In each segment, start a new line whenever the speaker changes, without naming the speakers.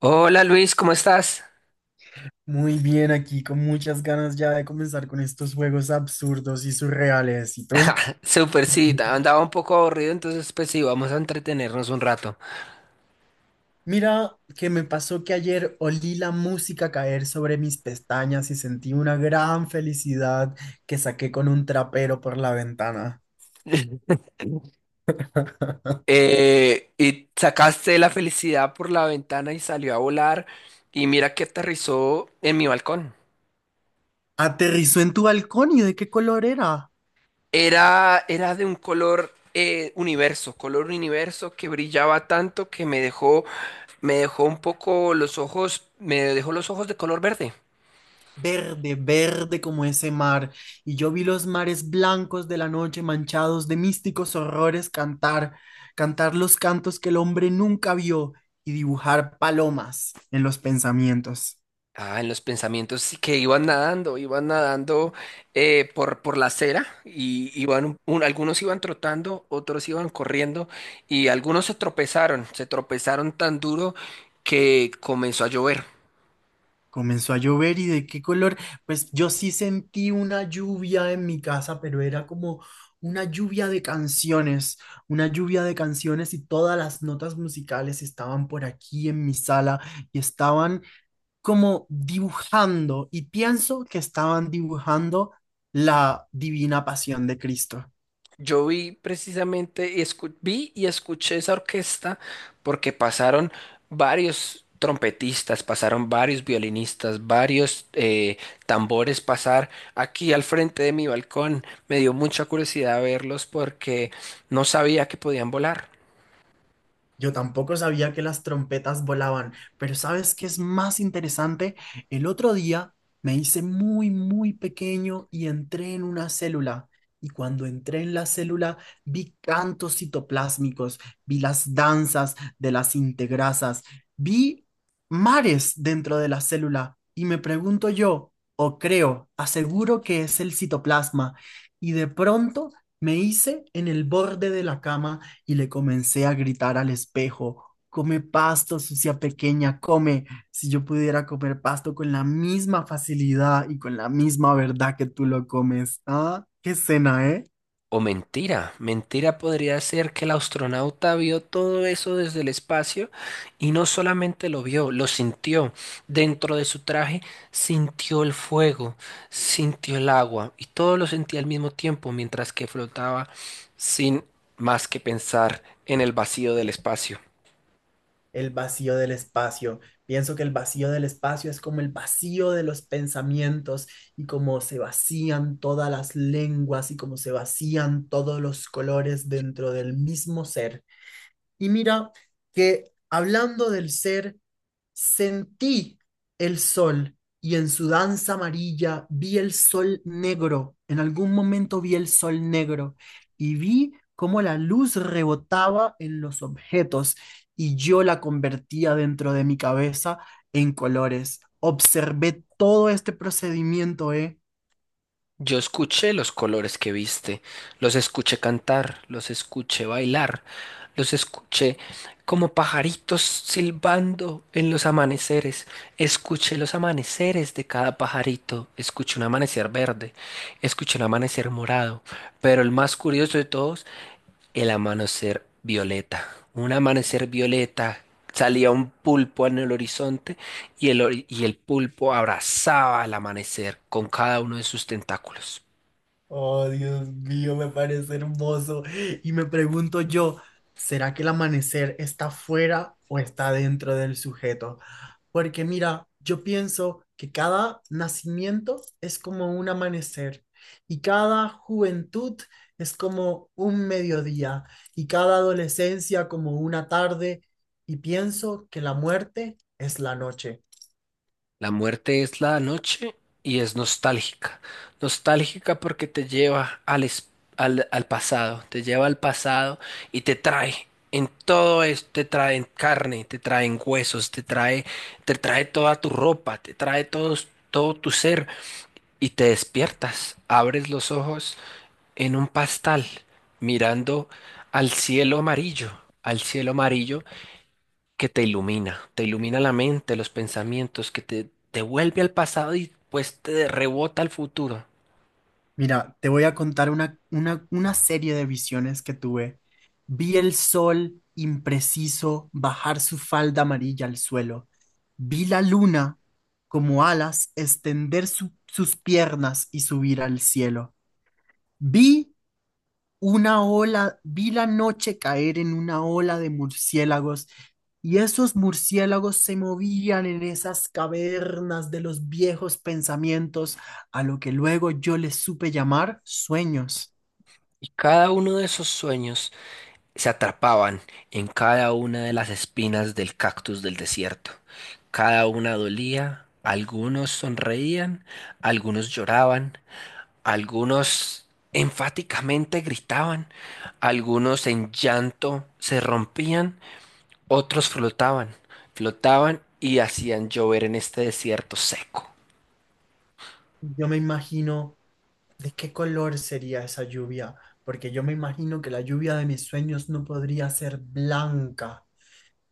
Hola Luis, ¿cómo estás?
Muy bien, aquí con muchas ganas ya de comenzar con estos juegos absurdos y surreales. ¿Y tú?
Súper, sí, andaba un poco aburrido, entonces pues sí, vamos a entretenernos un rato.
Mira, que me pasó que ayer olí la música caer sobre mis pestañas y sentí una gran felicidad que saqué con un trapero por la ventana.
Y sacaste la felicidad por la ventana y salió a volar y mira que aterrizó en mi balcón.
Aterrizó en tu balcón y ¿de qué color era?
Era de un color universo, color universo que brillaba tanto que me dejó un poco los ojos, me dejó los ojos de color verde.
Verde, verde como ese mar, y yo vi los mares blancos de la noche manchados de místicos horrores cantar, cantar los cantos que el hombre nunca vio y dibujar palomas en los pensamientos.
Ah, en los pensamientos sí que iban nadando por la acera y iban, algunos iban trotando, otros iban corriendo y algunos se tropezaron tan duro que comenzó a llover.
Comenzó a llover y ¿de qué color? Pues yo sí sentí una lluvia en mi casa, pero era como una lluvia de canciones, una lluvia de canciones y todas las notas musicales estaban por aquí en mi sala y estaban como dibujando y pienso que estaban dibujando la divina pasión de Cristo.
Yo vi precisamente, vi y escuché esa orquesta porque pasaron varios trompetistas, pasaron varios violinistas, varios tambores pasar aquí al frente de mi balcón. Me dio mucha curiosidad verlos porque no sabía que podían volar.
Yo tampoco sabía que las trompetas volaban, pero ¿sabes qué es más interesante? El otro día me hice muy, muy pequeño y entré en una célula. Y cuando entré en la célula, vi cantos citoplásmicos, vi las danzas de las integrasas, vi mares dentro de la célula. Y me pregunto yo, o creo, aseguro que es el citoplasma. Y de pronto me hice en el borde de la cama y le comencé a gritar al espejo, come pasto, sucia pequeña, come. Si yo pudiera comer pasto con la misma facilidad y con la misma verdad que tú lo comes. Ah, qué cena, ¿eh?
O mentira, mentira podría ser que el astronauta vio todo eso desde el espacio y no solamente lo vio, lo sintió. Dentro de su traje sintió el fuego, sintió el agua y todo lo sentía al mismo tiempo mientras que flotaba sin más que pensar en el vacío del espacio.
El vacío del espacio. Pienso que el vacío del espacio es como el vacío de los pensamientos y como se vacían todas las lenguas y como se vacían todos los colores dentro del mismo ser. Y mira que hablando del ser, sentí el sol y en su danza amarilla vi el sol negro. En algún momento vi el sol negro y vi cómo la luz rebotaba en los objetos y yo la convertía dentro de mi cabeza en colores. Observé todo este procedimiento, ¿eh?
Yo escuché los colores que viste, los escuché cantar, los escuché bailar, los escuché como pajaritos silbando en los amaneceres. Escuché los amaneceres de cada pajarito, escuché un amanecer verde, escuché un amanecer morado, pero el más curioso de todos el amanecer violeta. Un amanecer violeta. Salía un pulpo en el horizonte y y el pulpo abrazaba al amanecer con cada uno de sus tentáculos.
Oh, Dios mío, me parece hermoso. Y me pregunto yo, ¿será que el amanecer está fuera o está dentro del sujeto? Porque mira, yo pienso que cada nacimiento es como un amanecer y cada juventud es como un mediodía y cada adolescencia como una tarde y pienso que la muerte es la noche.
La muerte es la noche y es nostálgica. Nostálgica porque te lleva al pasado, te lleva al pasado y te trae. En todo esto te trae en carne, te trae en huesos, te trae toda tu ropa, te trae todo tu ser y te despiertas, abres los ojos en un pastal, mirando al cielo amarillo, al cielo amarillo que te ilumina la mente, los pensamientos, que te vuelve al pasado y pues te rebota al futuro.
Mira, te voy a contar una serie de visiones que tuve. Vi el sol impreciso bajar su falda amarilla al suelo. Vi la luna como alas extender sus piernas y subir al cielo. Vi una ola, vi la noche caer en una ola de murciélagos y esos murciélagos se movían en esas cavernas de los viejos pensamientos a lo que luego yo les supe llamar sueños.
Y cada uno de esos sueños se atrapaban en cada una de las espinas del cactus del desierto. Cada una dolía, algunos sonreían, algunos lloraban, algunos enfáticamente gritaban, algunos en llanto se rompían, otros flotaban, flotaban y hacían llover en este desierto seco.
Yo me imagino de qué color sería esa lluvia, porque yo me imagino que la lluvia de mis sueños no podría ser blanca.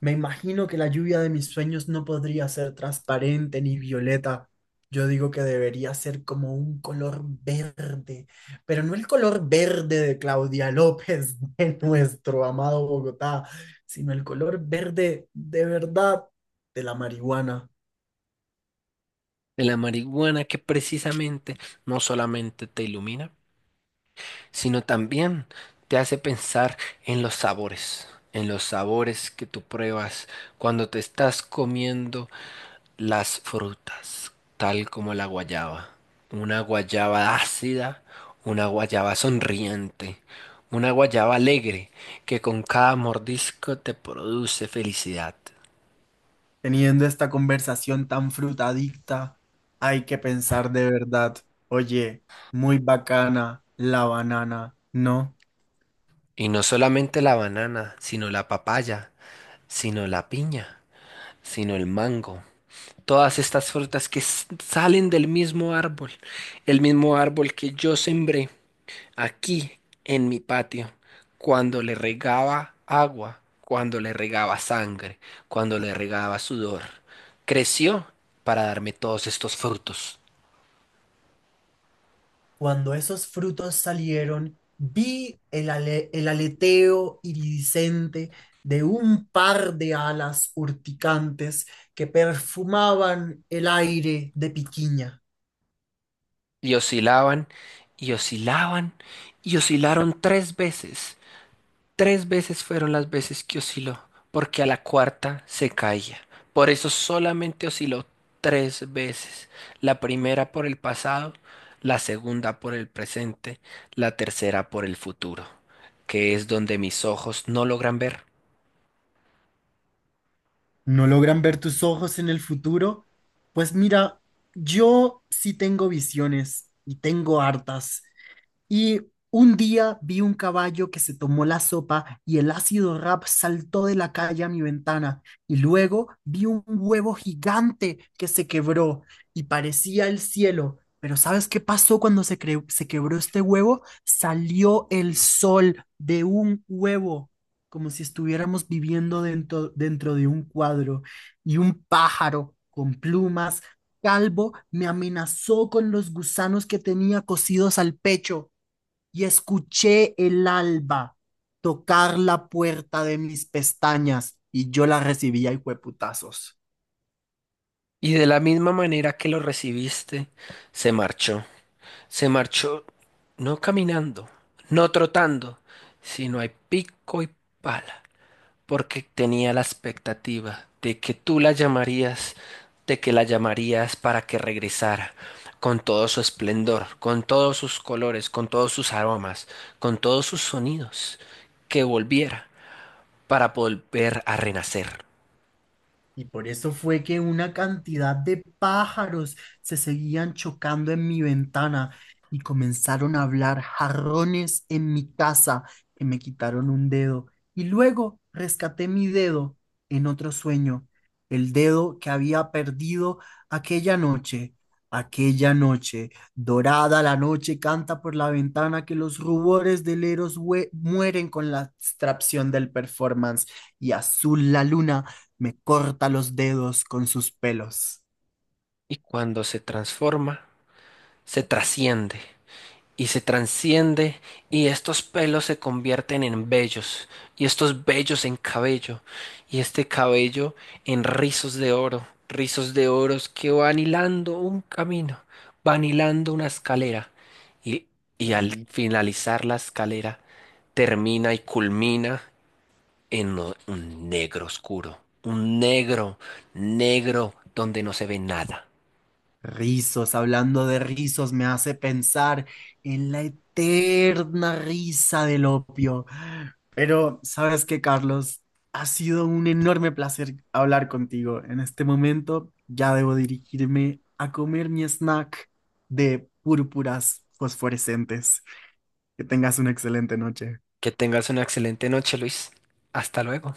Me imagino que la lluvia de mis sueños no podría ser transparente ni violeta. Yo digo que debería ser como un color verde, pero no el color verde de Claudia López, de nuestro amado Bogotá, sino el color verde de verdad de la marihuana.
De la marihuana que precisamente no solamente te ilumina, sino también te hace pensar en los sabores que tú pruebas cuando te estás comiendo las frutas, tal como la guayaba. Una guayaba ácida, una guayaba sonriente, una guayaba alegre que con cada mordisco te produce felicidad.
Teniendo esta conversación tan frutadicta, hay que pensar de verdad, oye, muy bacana la banana, ¿no?
Y no solamente la banana, sino la papaya, sino la piña, sino el mango. Todas estas frutas que salen del mismo árbol, el mismo árbol que yo sembré aquí en mi patio, cuando le regaba agua, cuando le regaba sangre, cuando le regaba sudor, creció para darme todos estos frutos.
Cuando esos frutos salieron, vi el aleteo iridiscente de un par de alas urticantes que perfumaban el aire de Piquiña.
Y oscilaban, y oscilaban, y oscilaron 3 veces. Tres veces fueron las veces que osciló, porque a la cuarta se caía. Por eso solamente osciló 3 veces. La primera por el pasado, la segunda por el presente, la tercera por el futuro, que es donde mis ojos no logran ver.
¿No logran ver tus ojos en el futuro? Pues mira, yo sí tengo visiones y tengo hartas. Y un día vi un caballo que se tomó la sopa y el ácido rap saltó de la calle a mi ventana. Y luego vi un huevo gigante que se quebró y parecía el cielo. Pero ¿sabes qué pasó cuando se quebró este huevo? Salió el sol de un huevo, como si estuviéramos viviendo dentro de un cuadro. Y un pájaro con plumas, calvo, me amenazó con los gusanos que tenía cosidos al pecho y escuché el alba tocar la puerta de mis pestañas y yo la recibía y fue putazos.
Y de la misma manera que lo recibiste, se marchó. Se marchó no caminando, no trotando, sino a pico y pala, porque tenía la expectativa de que tú la llamarías, de que la llamarías para que regresara, con todo su esplendor, con todos sus colores, con todos sus aromas, con todos sus sonidos, que volviera para volver a renacer.
Y por eso fue que una cantidad de pájaros se seguían chocando en mi ventana y comenzaron a hablar jarrones en mi casa que me quitaron un dedo. Y luego rescaté mi dedo en otro sueño, el dedo que había perdido aquella noche. Aquella noche, dorada la noche canta por la ventana que los rubores del Eros mueren con la abstracción del performance y azul la luna me corta los dedos con sus pelos.
Y cuando se transforma, se trasciende, y se transciende y estos pelos se convierten en vellos y estos vellos en cabello y este cabello en rizos de oro, rizos de oros que van hilando un camino, van hilando una escalera y, y al
Ri-
finalizar la escalera termina y culmina un negro oscuro, un negro, negro donde no se ve nada.
Rizos, hablando de rizos, me hace pensar en la eterna risa del opio. Pero, ¿sabes qué, Carlos? Ha sido un enorme placer hablar contigo. En este momento ya debo dirigirme a comer mi snack de púrpuras fosforescentes. Que tengas una excelente noche.
Que tengas una excelente noche, Luis. Hasta luego.